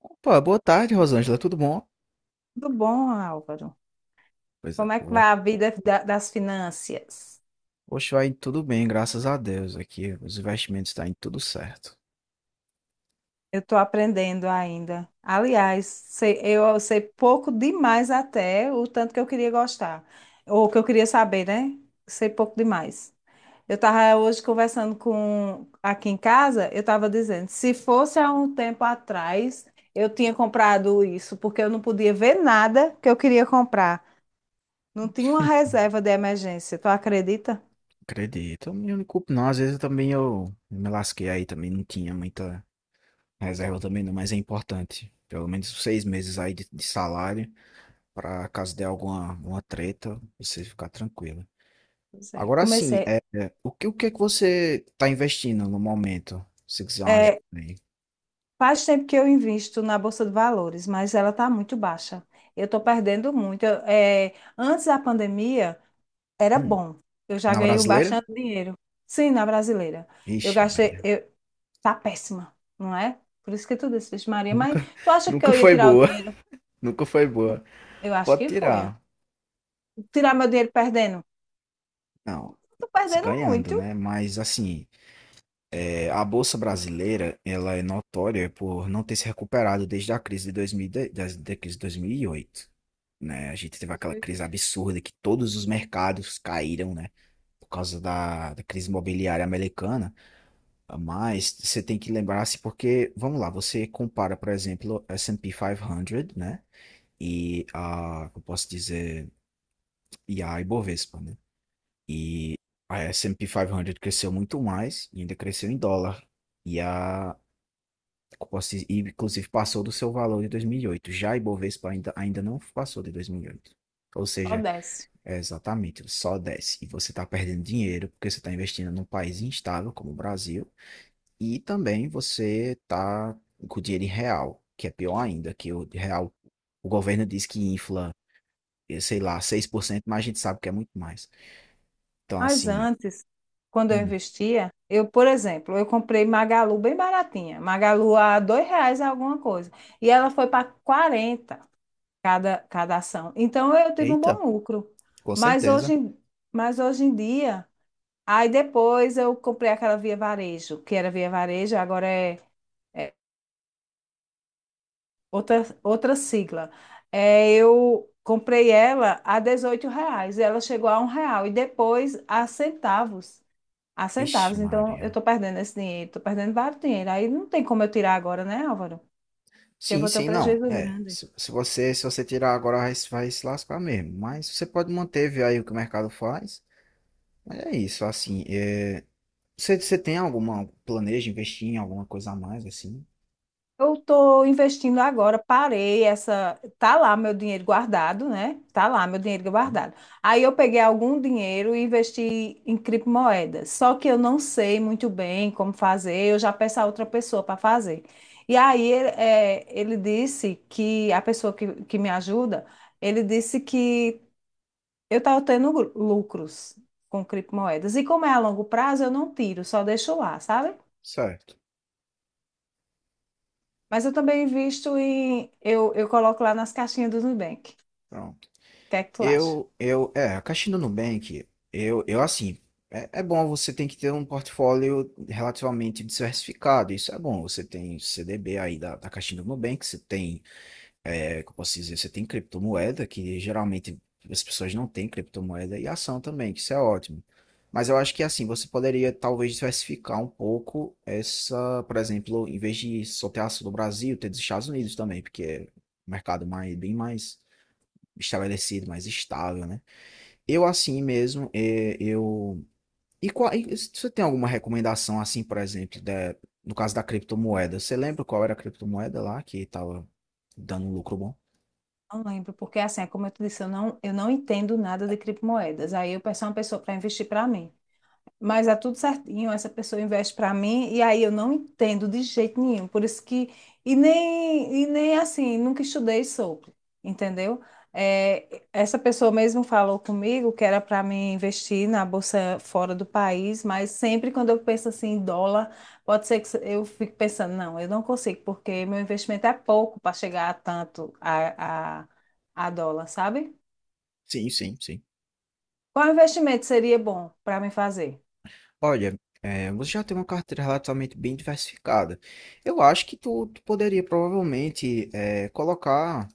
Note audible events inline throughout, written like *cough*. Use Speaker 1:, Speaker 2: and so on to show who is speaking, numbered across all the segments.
Speaker 1: Opa, boa tarde, Rosângela, tudo bom?
Speaker 2: Tudo bom, Álvaro?
Speaker 1: Coisa
Speaker 2: Como é que vai
Speaker 1: boa.
Speaker 2: a vida das finanças?
Speaker 1: Hoje vai tudo bem, graças a Deus. Aqui os investimentos estão indo tudo certo.
Speaker 2: Eu estou aprendendo ainda. Aliás, eu sei pouco demais até o tanto que eu queria gostar, ou que eu queria saber, né? Sei pouco demais. Eu estava hoje conversando com aqui em casa, eu estava dizendo, se fosse há um tempo atrás, eu tinha comprado isso, porque eu não podia ver nada que eu queria comprar. Não tinha uma reserva de emergência, tu acredita?
Speaker 1: Acredito. Eu não me culpo, não. Às vezes eu também eu me lasquei aí também, não tinha muita reserva também não, mas é importante. Pelo menos 6 meses aí de salário, para caso dê alguma uma treta, você ficar tranquilo.
Speaker 2: Pois é,
Speaker 1: Agora sim,
Speaker 2: comecei.
Speaker 1: o que é que você está investindo no momento? Se quiser uma ajuda.
Speaker 2: Faz tempo que eu invisto na Bolsa de Valores, mas ela está muito baixa. Eu estou perdendo muito. Antes da pandemia, era
Speaker 1: Hum,
Speaker 2: bom. Eu já
Speaker 1: Na
Speaker 2: ganhei
Speaker 1: brasileira?
Speaker 2: bastante dinheiro. Sim, na brasileira. Eu
Speaker 1: Ixi,
Speaker 2: gastei.
Speaker 1: Maria.
Speaker 2: Tá péssima, não é? Por isso que tu disse, Vixe Maria. Mas
Speaker 1: Nunca,
Speaker 2: tu
Speaker 1: *laughs*
Speaker 2: acha que
Speaker 1: nunca
Speaker 2: eu ia
Speaker 1: foi
Speaker 2: tirar o
Speaker 1: boa.
Speaker 2: dinheiro?
Speaker 1: *laughs* Nunca foi boa.
Speaker 2: Eu acho
Speaker 1: Pode
Speaker 2: que foi, né?
Speaker 1: tirar.
Speaker 2: Tirar meu dinheiro perdendo?
Speaker 1: Não.
Speaker 2: Estou
Speaker 1: Se
Speaker 2: perdendo
Speaker 1: ganhando,
Speaker 2: muito.
Speaker 1: né? Mas assim, a Bolsa Brasileira, ela é notória por não ter se recuperado desde a crise de 2010, da crise de 2008, né? A gente teve aquela crise absurda que todos os mercados caíram, né? Por causa da crise imobiliária americana. Mas você tem que lembrar-se porque, vamos lá, você compara, por exemplo, S&P 500, né? E a, eu posso dizer, e a Ibovespa, né? E a S&P 500 cresceu muito mais e ainda cresceu em dólar. E a, eu posso dizer, e inclusive passou do seu valor de 2008. Já a Ibovespa ainda não passou de 2008. Ou
Speaker 2: Ó,
Speaker 1: seja,
Speaker 2: desce.
Speaker 1: é exatamente, ele só desce, e você está perdendo dinheiro porque você está investindo num país instável como o Brasil, e também você está com dinheiro em real, que é pior ainda, que o real, o governo diz que infla, sei lá, 6%, mas a gente sabe que é muito mais. Então,
Speaker 2: Mas
Speaker 1: assim.
Speaker 2: antes, quando eu
Speaker 1: Hum.
Speaker 2: investia, eu, por exemplo, eu comprei Magalu bem baratinha. Magalu a R$ 2 alguma coisa. E ela foi para 40 cada ação. Então eu tive um
Speaker 1: Eita,
Speaker 2: bom lucro.
Speaker 1: com
Speaker 2: Mas hoje,
Speaker 1: certeza.
Speaker 2: em- mas hoje em dia, aí depois eu comprei aquela Via Varejo, que era Via Varejo, agora é outra sigla. É, eu comprei ela a R$ 18. Ela chegou a R$ 1 e depois a centavos.
Speaker 1: Ixi,
Speaker 2: Então, eu
Speaker 1: Maria.
Speaker 2: estou perdendo esse dinheiro, estou perdendo vários dinheiro. Aí não tem como eu tirar agora, né, Álvaro? Porque eu
Speaker 1: Sim,
Speaker 2: vou ter um
Speaker 1: sim. Não.
Speaker 2: prejuízo
Speaker 1: É,
Speaker 2: grande.
Speaker 1: se você tirar agora vai, vai se lascar mesmo, mas você pode manter, ver aí o que o mercado faz. Mas é isso, assim, você tem alguma planeja investir em alguma coisa a mais assim?
Speaker 2: Eu estou investindo agora, parei essa. Tá lá meu dinheiro guardado, né? Tá lá meu dinheiro
Speaker 1: Hum.
Speaker 2: guardado. Aí eu peguei algum dinheiro e investi em criptomoedas. Só que eu não sei muito bem como fazer, eu já peço a outra pessoa para fazer. E aí ele disse que a pessoa que me ajuda, ele disse que eu estava tendo lucros com criptomoedas. E como é a longo prazo, eu não tiro, só deixo lá, sabe?
Speaker 1: Certo.
Speaker 2: Mas eu também invisto em. Eu coloco lá nas caixinhas do Nubank. O
Speaker 1: Pronto.
Speaker 2: que é que tu acha?
Speaker 1: Eu, é, a Caixa do Nubank, eu assim, é bom, você tem que ter um portfólio relativamente diversificado, isso é bom, você tem CDB aí da Caixa do Nubank, você tem, como eu posso dizer, você tem criptomoeda, que geralmente as pessoas não têm criptomoeda, e ação também, que isso é ótimo. Mas eu acho que assim, você poderia talvez diversificar um pouco essa, por exemplo, em vez de só ter ação do Brasil, ter dos Estados Unidos também, porque é um mercado mais, bem mais estabelecido, mais estável, né? Eu assim mesmo, é, eu. E qual, e se você tem alguma recomendação assim, por exemplo, no caso da criptomoeda? Você lembra qual era a criptomoeda lá que estava dando um lucro bom?
Speaker 2: Não lembro, porque assim, é como eu te disse, eu não entendo nada de criptomoedas. Aí eu peço a uma pessoa para investir para mim. Mas é tudo certinho, essa pessoa investe para mim, e aí eu não entendo de jeito nenhum. Por isso que. E nem assim, nunca estudei sobre, entendeu? É, essa pessoa mesmo falou comigo que era para mim investir na bolsa fora do país, mas sempre quando eu penso assim em dólar, pode ser que eu fique pensando, não, eu não consigo, porque meu investimento é pouco para chegar a tanto a, dólar, sabe?
Speaker 1: Sim, sim, sim.
Speaker 2: Qual investimento seria bom para mim fazer?
Speaker 1: Olha, você já tem uma carteira relativamente bem diversificada. Eu acho que tu poderia provavelmente colocar,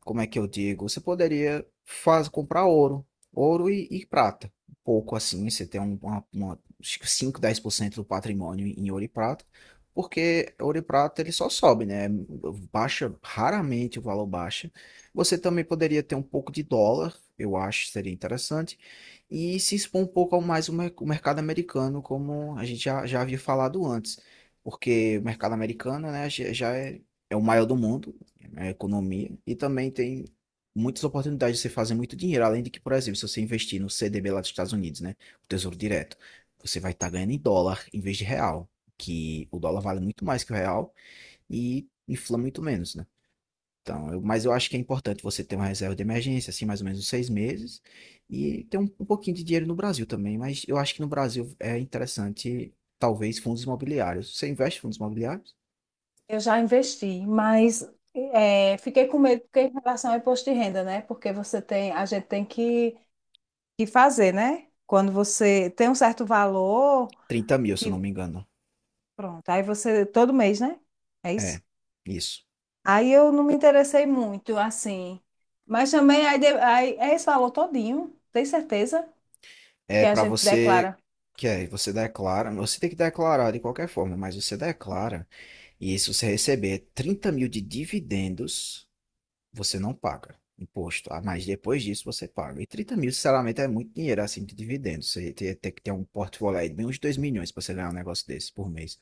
Speaker 1: como é que eu digo? Você poderia comprar ouro, ouro e prata. Um pouco assim, você tem uma, acho que 5, 10% do patrimônio em ouro e prata, porque ouro e prata ele só sobe, né? Baixa, raramente o valor baixa. Você também poderia ter um pouco de dólar, eu acho, seria interessante, e se expor um pouco ao mais o mercado americano, como a gente já havia falado antes. Porque o mercado americano, né, já é o maior do mundo, a economia, e também tem muitas oportunidades de você fazer muito dinheiro, além de que, por exemplo, se você investir no CDB lá dos Estados Unidos, né, o Tesouro Direto, você vai estar ganhando em dólar em vez de real, que o dólar vale muito mais que o real e infla muito menos, né? Então, mas eu acho que é importante você ter uma reserva de emergência, assim, mais ou menos uns 6 meses, e ter um pouquinho de dinheiro no Brasil também. Mas eu acho que no Brasil é interessante, talvez, fundos imobiliários. Você investe em fundos imobiliários?
Speaker 2: Eu já investi, mas fiquei com medo porque em relação ao imposto de renda, né? Porque você tem, a gente tem que fazer, né? Quando você tem um certo valor,
Speaker 1: 30 mil, se eu
Speaker 2: que
Speaker 1: não me engano.
Speaker 2: pronto, aí você todo mês, né? É
Speaker 1: É,
Speaker 2: isso.
Speaker 1: isso.
Speaker 2: Aí eu não me interessei muito, assim. Mas também aí, aí é esse valor todinho, tem certeza
Speaker 1: É
Speaker 2: que a
Speaker 1: para
Speaker 2: gente
Speaker 1: você
Speaker 2: declara.
Speaker 1: que é, você declara, você tem que declarar de qualquer forma, mas você declara, e se você receber 30 mil de dividendos, você não paga imposto, ah, mas depois disso você paga. E 30 mil, sinceramente, é muito dinheiro assim de dividendos. Você tem, tem que ter um portfólio aí de bem uns 2 milhões para você ganhar um negócio desse por mês.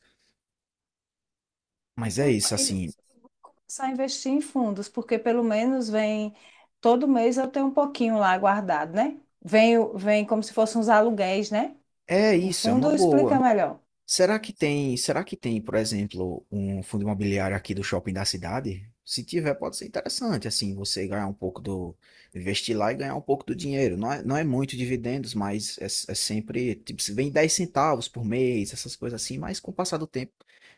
Speaker 1: Mas é
Speaker 2: Então,
Speaker 1: isso, assim,
Speaker 2: eu vou começar a investir em fundos, porque pelo menos vem, todo mês eu tenho um pouquinho lá guardado, né? Vem, vem como se fossem uns aluguéis, né?
Speaker 1: é
Speaker 2: O
Speaker 1: isso, é uma
Speaker 2: fundo explica
Speaker 1: boa.
Speaker 2: melhor.
Speaker 1: Será que tem, por exemplo, um fundo imobiliário aqui do shopping da cidade? Se tiver, pode ser interessante, assim, você ganhar um pouco do, investir lá e ganhar um pouco do dinheiro. Não é muito dividendos, mas é sempre, tipo, se vem 10 centavos por mês, essas coisas assim, mas com o passar do tempo,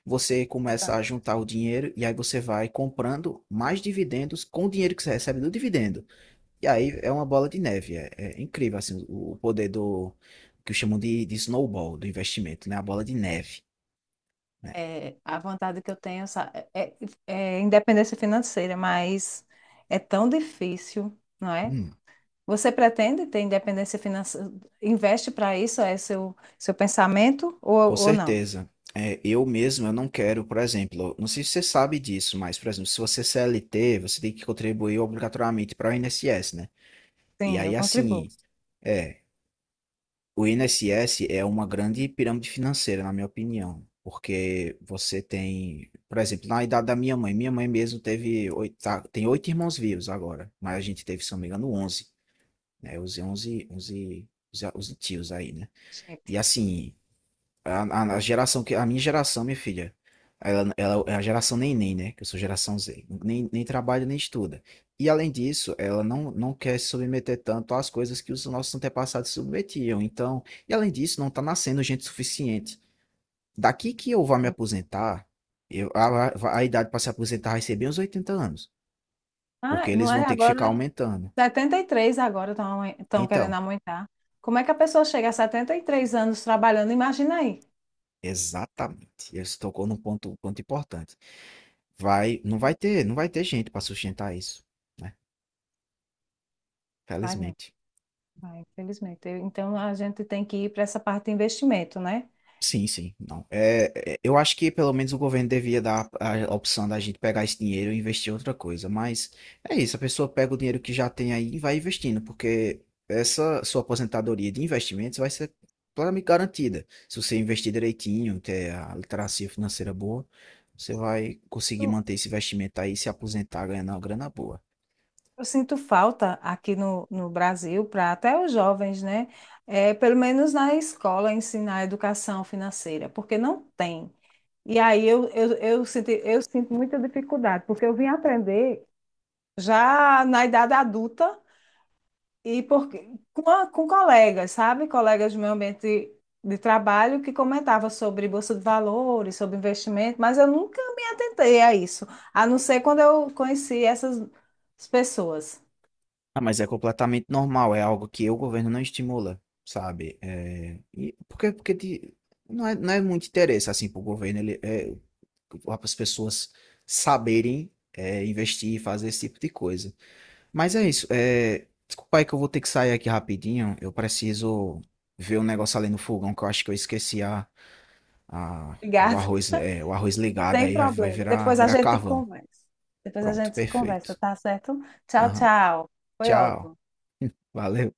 Speaker 1: você começa a
Speaker 2: Portanto,
Speaker 1: juntar o dinheiro, e aí você vai comprando mais dividendos com o dinheiro que você recebe do dividendo. E aí é uma bola de neve, é, é incrível assim o poder do que chamam de snowball, do investimento, né? A bola de neve, né?
Speaker 2: é, a vontade que eu tenho é independência financeira, mas é tão difícil, não é?
Speaker 1: Hum,
Speaker 2: Você pretende ter independência financeira? Investe para isso? É seu pensamento ou,
Speaker 1: com
Speaker 2: ou não?
Speaker 1: certeza. É, eu mesmo, eu não quero, por exemplo, não sei se você sabe disso, mas, por exemplo, se você é CLT, você tem que contribuir obrigatoriamente para o INSS, né? E
Speaker 2: Sim, eu
Speaker 1: aí,
Speaker 2: contribuo.
Speaker 1: assim, é, o INSS é uma grande pirâmide financeira, na minha opinião, porque você tem, por exemplo, na idade da minha mãe mesmo teve oito, tem oito irmãos vivos agora, mas a gente teve, se não me engano, 11, né? Os 11, 11, os tios aí, né?
Speaker 2: Gente.
Speaker 1: E assim, a geração que. A minha geração, minha filha. Ela é a geração neném, né? Que eu sou geração Z. Nem, nem trabalha, nem estuda. E além disso, ela não quer se submeter tanto às coisas que os nossos antepassados se submetiam. Então, e além disso, não está nascendo gente suficiente. Daqui que eu vá me
Speaker 2: Sim.
Speaker 1: aposentar, eu, a idade para se aposentar vai ser bem uns 80 anos.
Speaker 2: Ah,
Speaker 1: Porque
Speaker 2: não
Speaker 1: eles vão
Speaker 2: é
Speaker 1: ter que ficar
Speaker 2: agora?
Speaker 1: aumentando.
Speaker 2: 73 agora estão querendo
Speaker 1: Então,
Speaker 2: aumentar. Como é que a pessoa chega a 73 anos trabalhando? Imagina aí.
Speaker 1: exatamente. Você tocou num ponto, ponto importante. Vai, não vai ter gente para sustentar isso. Né?
Speaker 2: Vai não,
Speaker 1: Felizmente.
Speaker 2: vai, infelizmente. Então a gente tem que ir para essa parte de investimento, né?
Speaker 1: Sim, sim. Não. Eu acho que pelo menos o governo devia dar a opção da gente pegar esse dinheiro e investir em outra coisa. Mas é isso, a pessoa pega o dinheiro que já tem aí e vai investindo, porque essa sua aposentadoria de investimentos vai ser plenamente garantida. Se você investir direitinho, ter a literacia financeira boa, você vai conseguir
Speaker 2: Eu,
Speaker 1: manter esse investimento aí e se aposentar ganhando uma grana boa.
Speaker 2: eu sinto falta aqui no Brasil para até os jovens, né? É, pelo menos na escola ensinar educação financeira, porque não tem. E aí eu sinto muita dificuldade, porque eu vim aprender já na idade adulta. E porque, com colegas, sabe? Colegas do meu ambiente de trabalho que comentava sobre bolsa de valores, sobre investimento, mas eu nunca me atentei a isso, a não ser quando eu conheci essas pessoas.
Speaker 1: Ah, mas é completamente normal, é algo que o governo não estimula, sabe? E porque não é muito interesse, assim, para o governo, ele, para as pessoas saberem, investir e fazer esse tipo de coisa. Mas é isso, é, desculpa aí que eu vou ter que sair aqui rapidinho, eu preciso ver um negócio ali no fogão, que eu acho que eu esqueci a, o
Speaker 2: Obrigada,
Speaker 1: arroz, é, o arroz
Speaker 2: *laughs*
Speaker 1: ligado,
Speaker 2: sem
Speaker 1: aí vai
Speaker 2: problema.
Speaker 1: virar,
Speaker 2: Depois a
Speaker 1: virar
Speaker 2: gente
Speaker 1: carvão.
Speaker 2: conversa. Depois a
Speaker 1: Pronto,
Speaker 2: gente conversa,
Speaker 1: perfeito.
Speaker 2: tá certo? Tchau,
Speaker 1: Aham.
Speaker 2: tchau. Foi
Speaker 1: Tchau,
Speaker 2: ótimo.
Speaker 1: *laughs* valeu.